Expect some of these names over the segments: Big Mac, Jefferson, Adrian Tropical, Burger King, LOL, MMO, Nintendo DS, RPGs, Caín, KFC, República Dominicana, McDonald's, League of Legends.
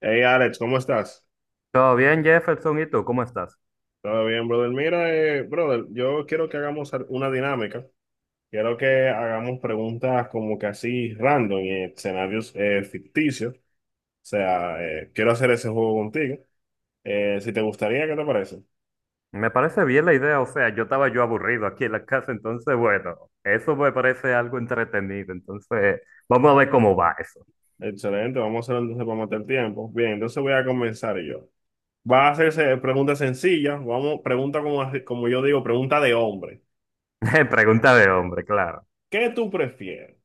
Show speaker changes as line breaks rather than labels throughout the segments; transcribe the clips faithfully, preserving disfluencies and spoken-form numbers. Hey Alex, ¿cómo estás?
Todo bien, Jefferson, ¿y tú cómo estás?
¿Todo bien, brother? Mira, eh, brother, yo quiero que hagamos al- una dinámica. Quiero que hagamos preguntas como que así random y escenarios eh, ficticios. O sea, eh, quiero hacer ese juego contigo. Eh, si te gustaría, ¿qué te parece?
Me parece bien la idea, o sea, yo estaba yo aburrido aquí en la casa, entonces, bueno, eso me parece algo entretenido, entonces, vamos a ver cómo va eso.
Excelente, vamos a hacerlo entonces para matar el tiempo. Bien, entonces voy a comenzar yo. Va a hacerse preguntas sencillas. Vamos, pregunta como, así- como yo digo, pregunta de hombre.
Pregunta de hombre, claro.
¿Qué tú prefieres?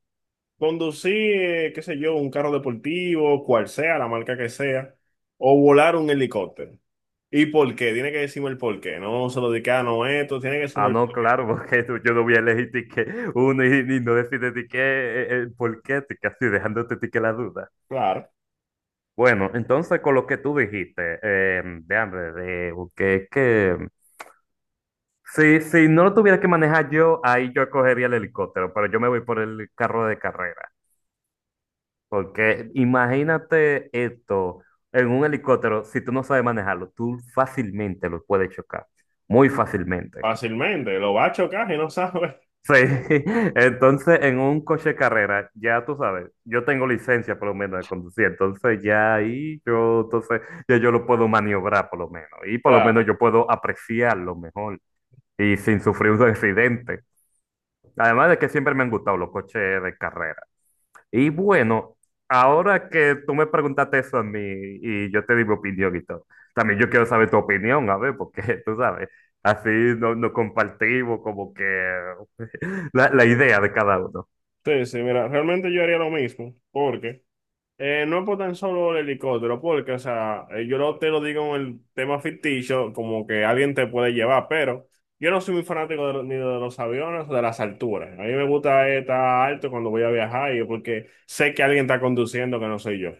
Conducir, eh, qué sé yo, un carro deportivo, cual sea, la marca que sea, o volar un helicóptero. ¿Y por qué? Tiene que decirme el por qué. No se lo dedica no esto, tiene que decirme
Ah,
el.
no, claro, porque tú- yo no voy a elegir ti que uno y, y no decirte ti que eh, el por qué, ti que así dejándote ti que la duda.
Claro,
Bueno, entonces con lo que tú dijiste, eh, de hambre, de que, que si, si no lo tuviera que manejar yo, ahí yo cogería el helicóptero, pero yo me voy por el carro de carrera. Porque imagínate esto en un helicóptero, si tú no sabes manejarlo, tú fácilmente lo puedes chocar, muy fácilmente.
fácilmente, lo va a chocar y no sabe.
Sí, entonces en un coche de carrera, ya tú sabes, yo tengo licencia por lo menos de conducir, entonces ya ahí yo, entonces ya yo lo puedo maniobrar por lo menos, y por lo
Claro.
menos yo puedo apreciarlo mejor y sin sufrir un accidente. Además de que siempre me han gustado los coches de carrera. Y bueno, ahora que tú me preguntaste eso a mí y yo te di mi opinión y todo, también yo quiero saber tu opinión, a ver, porque tú sabes, así no- nos compartimos como que la, la idea de cada uno.
Sí, sí, mira, realmente yo haría lo mismo, porque Eh, no es por tan solo el helicóptero, porque, o sea, eh, yo no te lo digo en el tema ficticio, como que alguien te puede llevar, pero yo no soy muy fanático de, lo- ni de los aviones o de las alturas. A mí me gusta eh, estar alto cuando voy a viajar, y porque sé que alguien está conduciendo que no soy yo.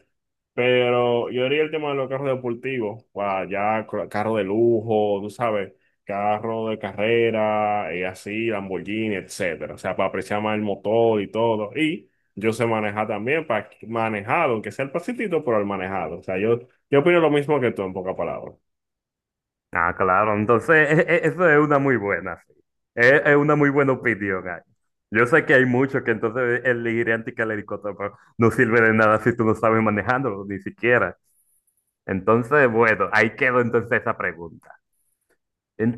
Pero yo diría el tema de los carros deportivos, para ya cro- carro de lujo, tú sabes, carro de carrera, y así, Lamborghini, etcétera. O sea, para apreciar más el motor y todo. Y yo sé manejar también, para manejar, aunque sea el pasitito, pero el manejado. O sea, yo, yo opino lo mismo que tú, en pocas palabras.
Ah, claro, entonces e- e- eso es una muy buena, sí. Es, es una muy buena opinión ahí. Yo sé que hay muchos que entonces elegirán que el helicóptero, pero no sirve de nada si tú no sabes manejándolo, ni siquiera. Entonces, bueno, ahí quedó entonces esa pregunta.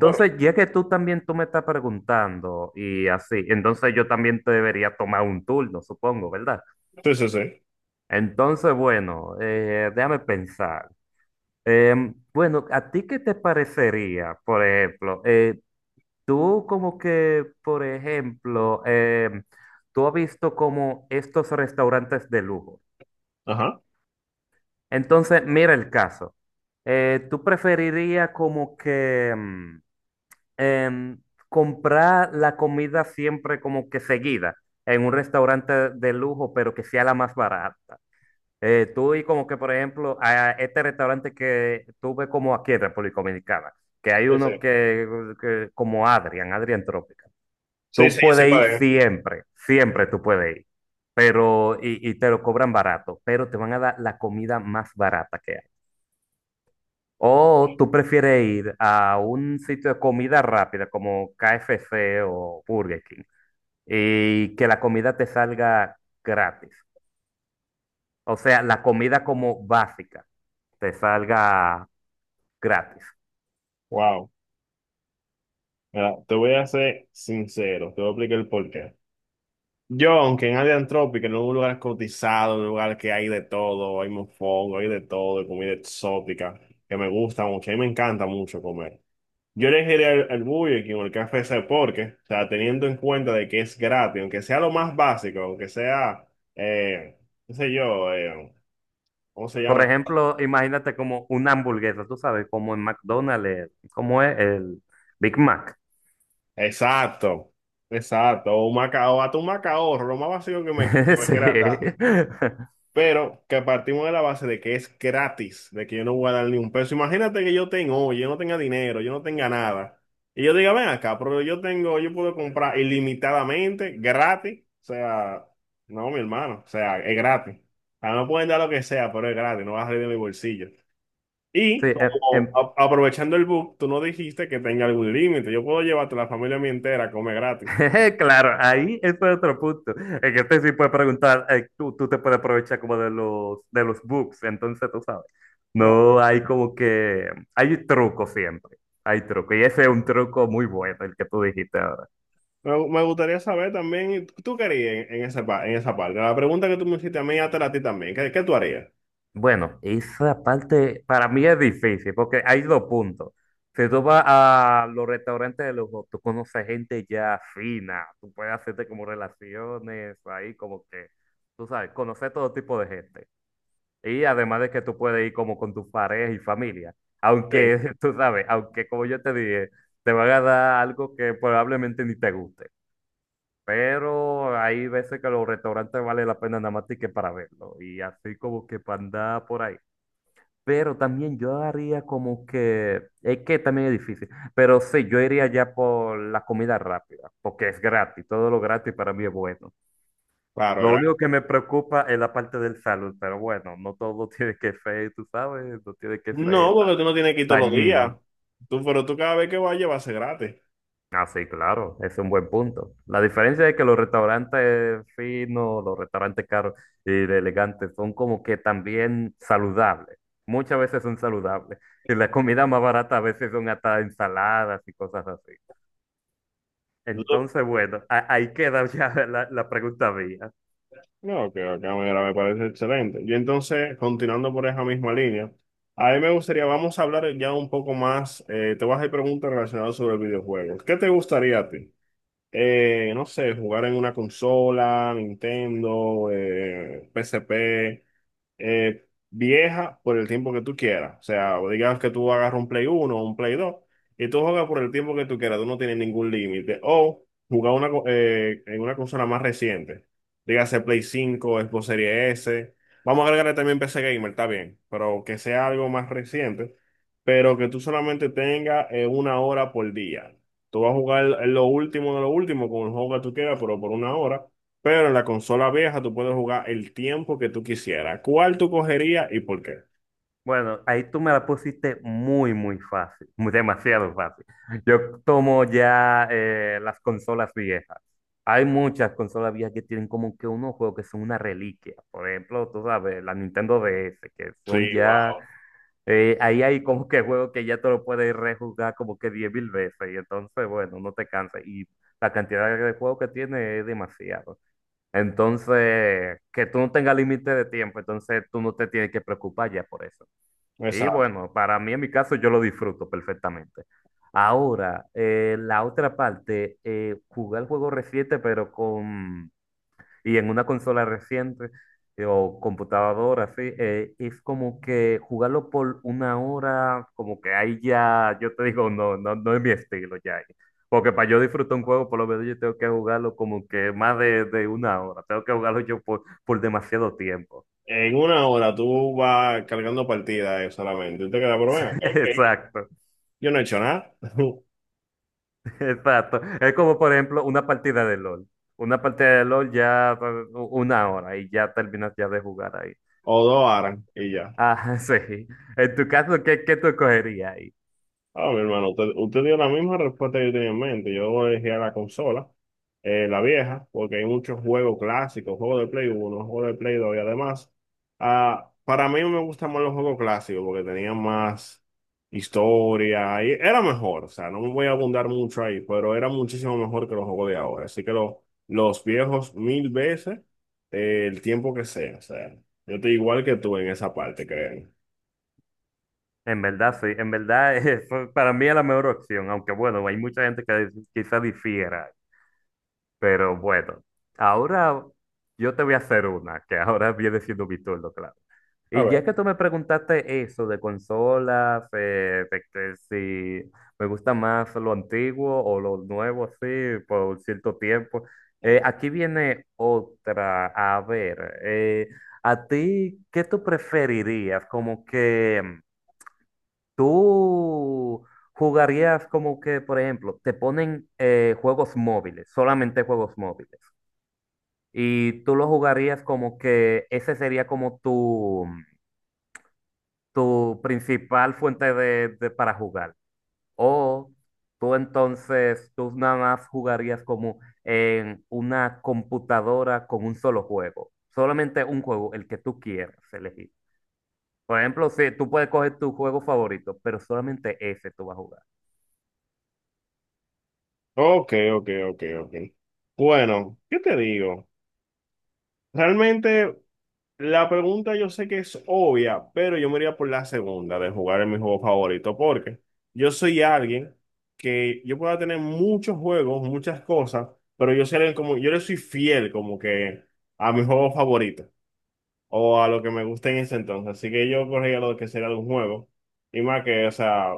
Claro.
ya que tú también tú me estás preguntando y así, entonces yo también te debería tomar un turno, supongo, ¿verdad?
Sí, sí, sí.
Entonces, bueno, eh, déjame pensar. Em, bueno, ¿a ti qué te parecería, por ejemplo? eh, tú como que, por ejemplo, em, tú has visto como estos restaurantes de lujo.
Ajá.
Entonces, mira el caso. Eh, ¿tú preferirías como que... mm, em, comprar la comida siempre como que seguida en un restaurante de lujo, pero que sea la más barata. Eh, tú y como que, por ejemplo, a este restaurante que tuve como aquí en República Dominicana, que hay
Sí,
uno
sí.
que, que como Adrian, Adrian Tropical.
Sí,
Tú
sí, yo soy
puedes ir
pareja.
siempre, siempre tú puedes ir, pero, y, y te lo cobran barato, pero te van a dar la comida más barata que hay. ¿O tú prefieres ir a un sitio de comida rápida como K F C o Burger King y que la comida te salga gratis? O sea, la comida como básica te salga gratis.
Wow. Mira, te voy a ser sincero, te voy a explicar el porqué. Yo, aunque en área antrópica, en un lugar cotizado, en un lugar que hay de todo, hay mofongo, hay de todo, hay comida exótica, que me gusta mucho, a mí me encanta mucho comer. Yo elegiría el, el Burger King o el Café ese porque, o sea, teniendo en cuenta de que es gratis, aunque sea lo más básico, aunque sea, eh, qué sé yo, eh, ¿cómo se
Por
llama?
ejemplo, imagínate como una hamburguesa, tú sabes, como en McDonald's, eh, como es el Big Mac.
Exacto, exacto, o un maca macao, hasta un macaorro, lo más básico que me, que me quiera dar.
Sí,
Pero que partimos de la base de que es gratis, de que yo no voy a dar ni un peso. Imagínate que yo tengo, yo no tenga dinero, yo no tenga nada. Y yo diga, ven acá, pero yo tengo, yo puedo comprar ilimitadamente, gratis. O sea, no, mi hermano, o sea, es gratis. A mí me pueden dar lo que sea, pero es gratis, no vas a salir de mi bolsillo.
sí.
Y
em-
como
em-
a- aprovechando el book, tú no dijiste que tenga algún límite. Yo puedo llevarte la familia mía entera a comer gratis.
Claro, ahí eso es otro punto. En que este sí puede preguntar, eh, tú, tú te puedes aprovechar como de los, de los books, entonces tú sabes. No hay como que, hay truco siempre, hay truco. Y ese es un truco muy bueno, el que tú dijiste ahora.
Me, me gustaría saber también, ¿tú qué harías en, en esa, pa- en esa parte? La pregunta que tú me hiciste a mí, hasta a ti también. ¿Qué, qué tú harías?
Bueno, esa parte para mí es difícil porque hay dos puntos. Si tú vas a los restaurantes de lujo, tú conoces gente ya fina, tú puedes hacerte como relaciones ahí, como que, tú sabes, conocer todo tipo de gente. Y además de que tú puedes ir como con tus parejas y familia.
Sí.
Aunque, tú sabes, aunque como yo te dije, te van a dar algo que probablemente ni te guste. Pero hay veces que los restaurantes vale la pena nada más que para verlo. Y así como que para andar por ahí. Pero también yo haría como que, es que también es difícil. Pero sí, yo iría ya por la comida rápida, porque es gratis. Todo lo gratis para mí es bueno.
Claro,
Lo único
gratis.
que me preocupa es la parte del salud, pero bueno, no todo tiene que ser, tú sabes, no tiene que
No,
ser ta-
porque tú no tienes que ir todos los días.
dañino.
Tú, pero tú cada vez que vayas va a ser gratis.
Ah, sí, claro, es un buen punto. La diferencia es que los restaurantes finos, los restaurantes caros y de elegantes son como que también saludables. Muchas veces son saludables. Y la comida más barata a veces son hasta ensaladas y cosas así.
Tú- tú-
Entonces, bueno, a- ahí queda ya la, la pregunta mía.
No, que que mira, me parece excelente. Y entonces, continuando por esa misma línea, a mí me gustaría, vamos a hablar ya un poco más, eh, te voy a hacer preguntas relacionadas sobre videojuegos. ¿Qué te gustaría a ti? Eh, no sé, jugar en una consola, Nintendo, eh, P S P. eh, vieja por el tiempo que tú quieras. O sea, o digamos que tú agarras un Play uno, o un Play dos, y tú juegas por el tiempo que tú quieras, tú no tienes ningún límite. O jugar una, co- eh, en una consola más reciente, dígase Play cinco, Xbox Series S. Vamos a agregarle también P C Gamer, está bien, pero que sea algo más reciente, pero que tú solamente tengas eh, una hora por día. Tú vas a jugar lo último de lo último con el juego que tú quieras, pero por una hora. Pero en la consola vieja tú puedes jugar el tiempo que tú quisieras. ¿Cuál tú cogerías y por qué?
Bueno, ahí tú me la pusiste muy, muy fácil, muy- demasiado fácil. Yo tomo ya eh, las consolas viejas. Hay muchas consolas viejas que tienen como que unos juegos que son una reliquia. Por ejemplo, tú sabes, la Nintendo D S, que
Sí,
son ya,
wow.
eh, ahí hay como que juegos que ya te lo puedes rejugar como que diez mil veces. Y entonces, bueno, no te cansas. Y la cantidad de juegos que tiene es demasiado. Entonces, que tú no tengas límite de tiempo, entonces tú no te tienes que preocupar ya por eso. Y
Exacto.
bueno, para mí en mi caso yo lo disfruto perfectamente. Ahora, eh, la otra parte, eh, jugar juegos recientes, pero con, y en una consola reciente eh, o computadora, así, eh, es como que jugarlo por una hora, como que ahí ya, yo te digo, no, no, no es mi estilo ya ahí. Porque para yo disfrutar un juego, por lo menos yo tengo que jugarlo como que más de, de una hora, tengo que jugarlo yo por, por demasiado tiempo.
En una hora tú vas cargando partidas eh, solamente. Y te queda, pero bueno, ok, ok,
Exacto.
yo no he hecho nada.
Exacto. Es como, por ejemplo, una partida de LOL. Una partida de LOL ya eh, una hora y ya terminas ya de jugar ahí.
O dos horas y ya.
Ah, sí. En tu caso, ¿qué, qué tú escogerías ahí?
Ah, mi hermano, usted, usted dio la misma respuesta que yo tenía en mente. Yo elegí a la consola, eh, la vieja, porque hay muchos juegos clásicos, juegos de Play uno juegos de Play dos y además, ah, para mí me gustan más los juegos clásicos porque tenían más historia y era mejor. O sea, no me voy a abundar mucho ahí, pero era muchísimo mejor que los juegos de ahora. Así que lo- los viejos mil veces, eh, el tiempo que sea. O sea, yo estoy igual que tú en esa parte, creo.
En verdad, sí. En verdad, eso para mí es la mejor opción. Aunque bueno, hay mucha gente que quizá difiera. Pero bueno, ahora yo te voy a hacer una, que ahora viene siendo mi turno, claro. Y ya que tú me preguntaste eso de consolas, eh, de que si me gusta más lo antiguo o lo nuevo, así, por cierto tiempo, eh, aquí viene otra. A ver, eh, ¿a ti qué tú preferirías? Como que mm, tú jugarías como que, por ejemplo, te ponen eh, juegos móviles, solamente juegos móviles. Y tú lo jugarías como que ese sería como tu, tu principal fuente de, de- para jugar. O tú entonces, tú nada más jugarías como en una computadora con un solo juego. Solamente un juego, el que tú quieras elegir. Por ejemplo, si tú puedes coger tu juego favorito, pero solamente ese tú vas a jugar.
Ok, ok, ok, ok. Bueno, ¿qué te digo? Realmente la pregunta yo sé que es obvia, pero yo me iría por la segunda de jugar en mi juego favorito, porque yo soy alguien que yo pueda tener muchos juegos, muchas cosas, pero yo soy alguien como, yo le soy fiel como que a mi juego favorito o a lo que me gusta en ese entonces. Así que yo corría lo que sería de un juego y más que, o sea,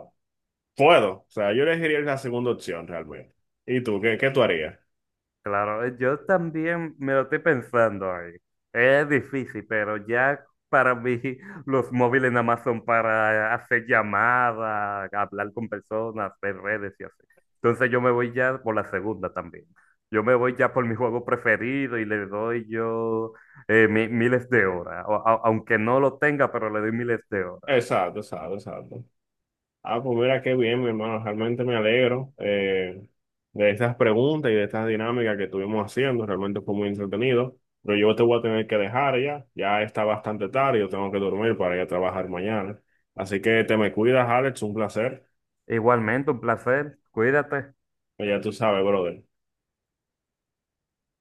puedo. O sea, yo elegiría la segunda opción realmente. ¿Y tú? ¿Qué, qué tú harías?
Claro, eh, yo también me lo estoy pensando ahí. Es difícil, pero ya para mí los móviles nada más son para hacer llamadas, hablar con personas, ver redes y así. Entonces yo me voy ya por la segunda también. Yo me voy ya por mi juego preferido y le doy yo eh, mi- miles de horas. O- a- aunque no lo tenga, pero le doy miles de horas.
Exacto, exacto, exacto. Ah, pues mira qué bien, mi hermano. Realmente me alegro eh, de estas preguntas y de estas dinámicas que estuvimos haciendo. Realmente fue muy entretenido. Pero yo te voy a tener que dejar ya. Ya está bastante tarde. Yo tengo que dormir para ir a trabajar mañana. Así que te me cuidas, Alex. Un placer.
Igualmente, un placer. Cuídate.
Ya tú sabes, brother.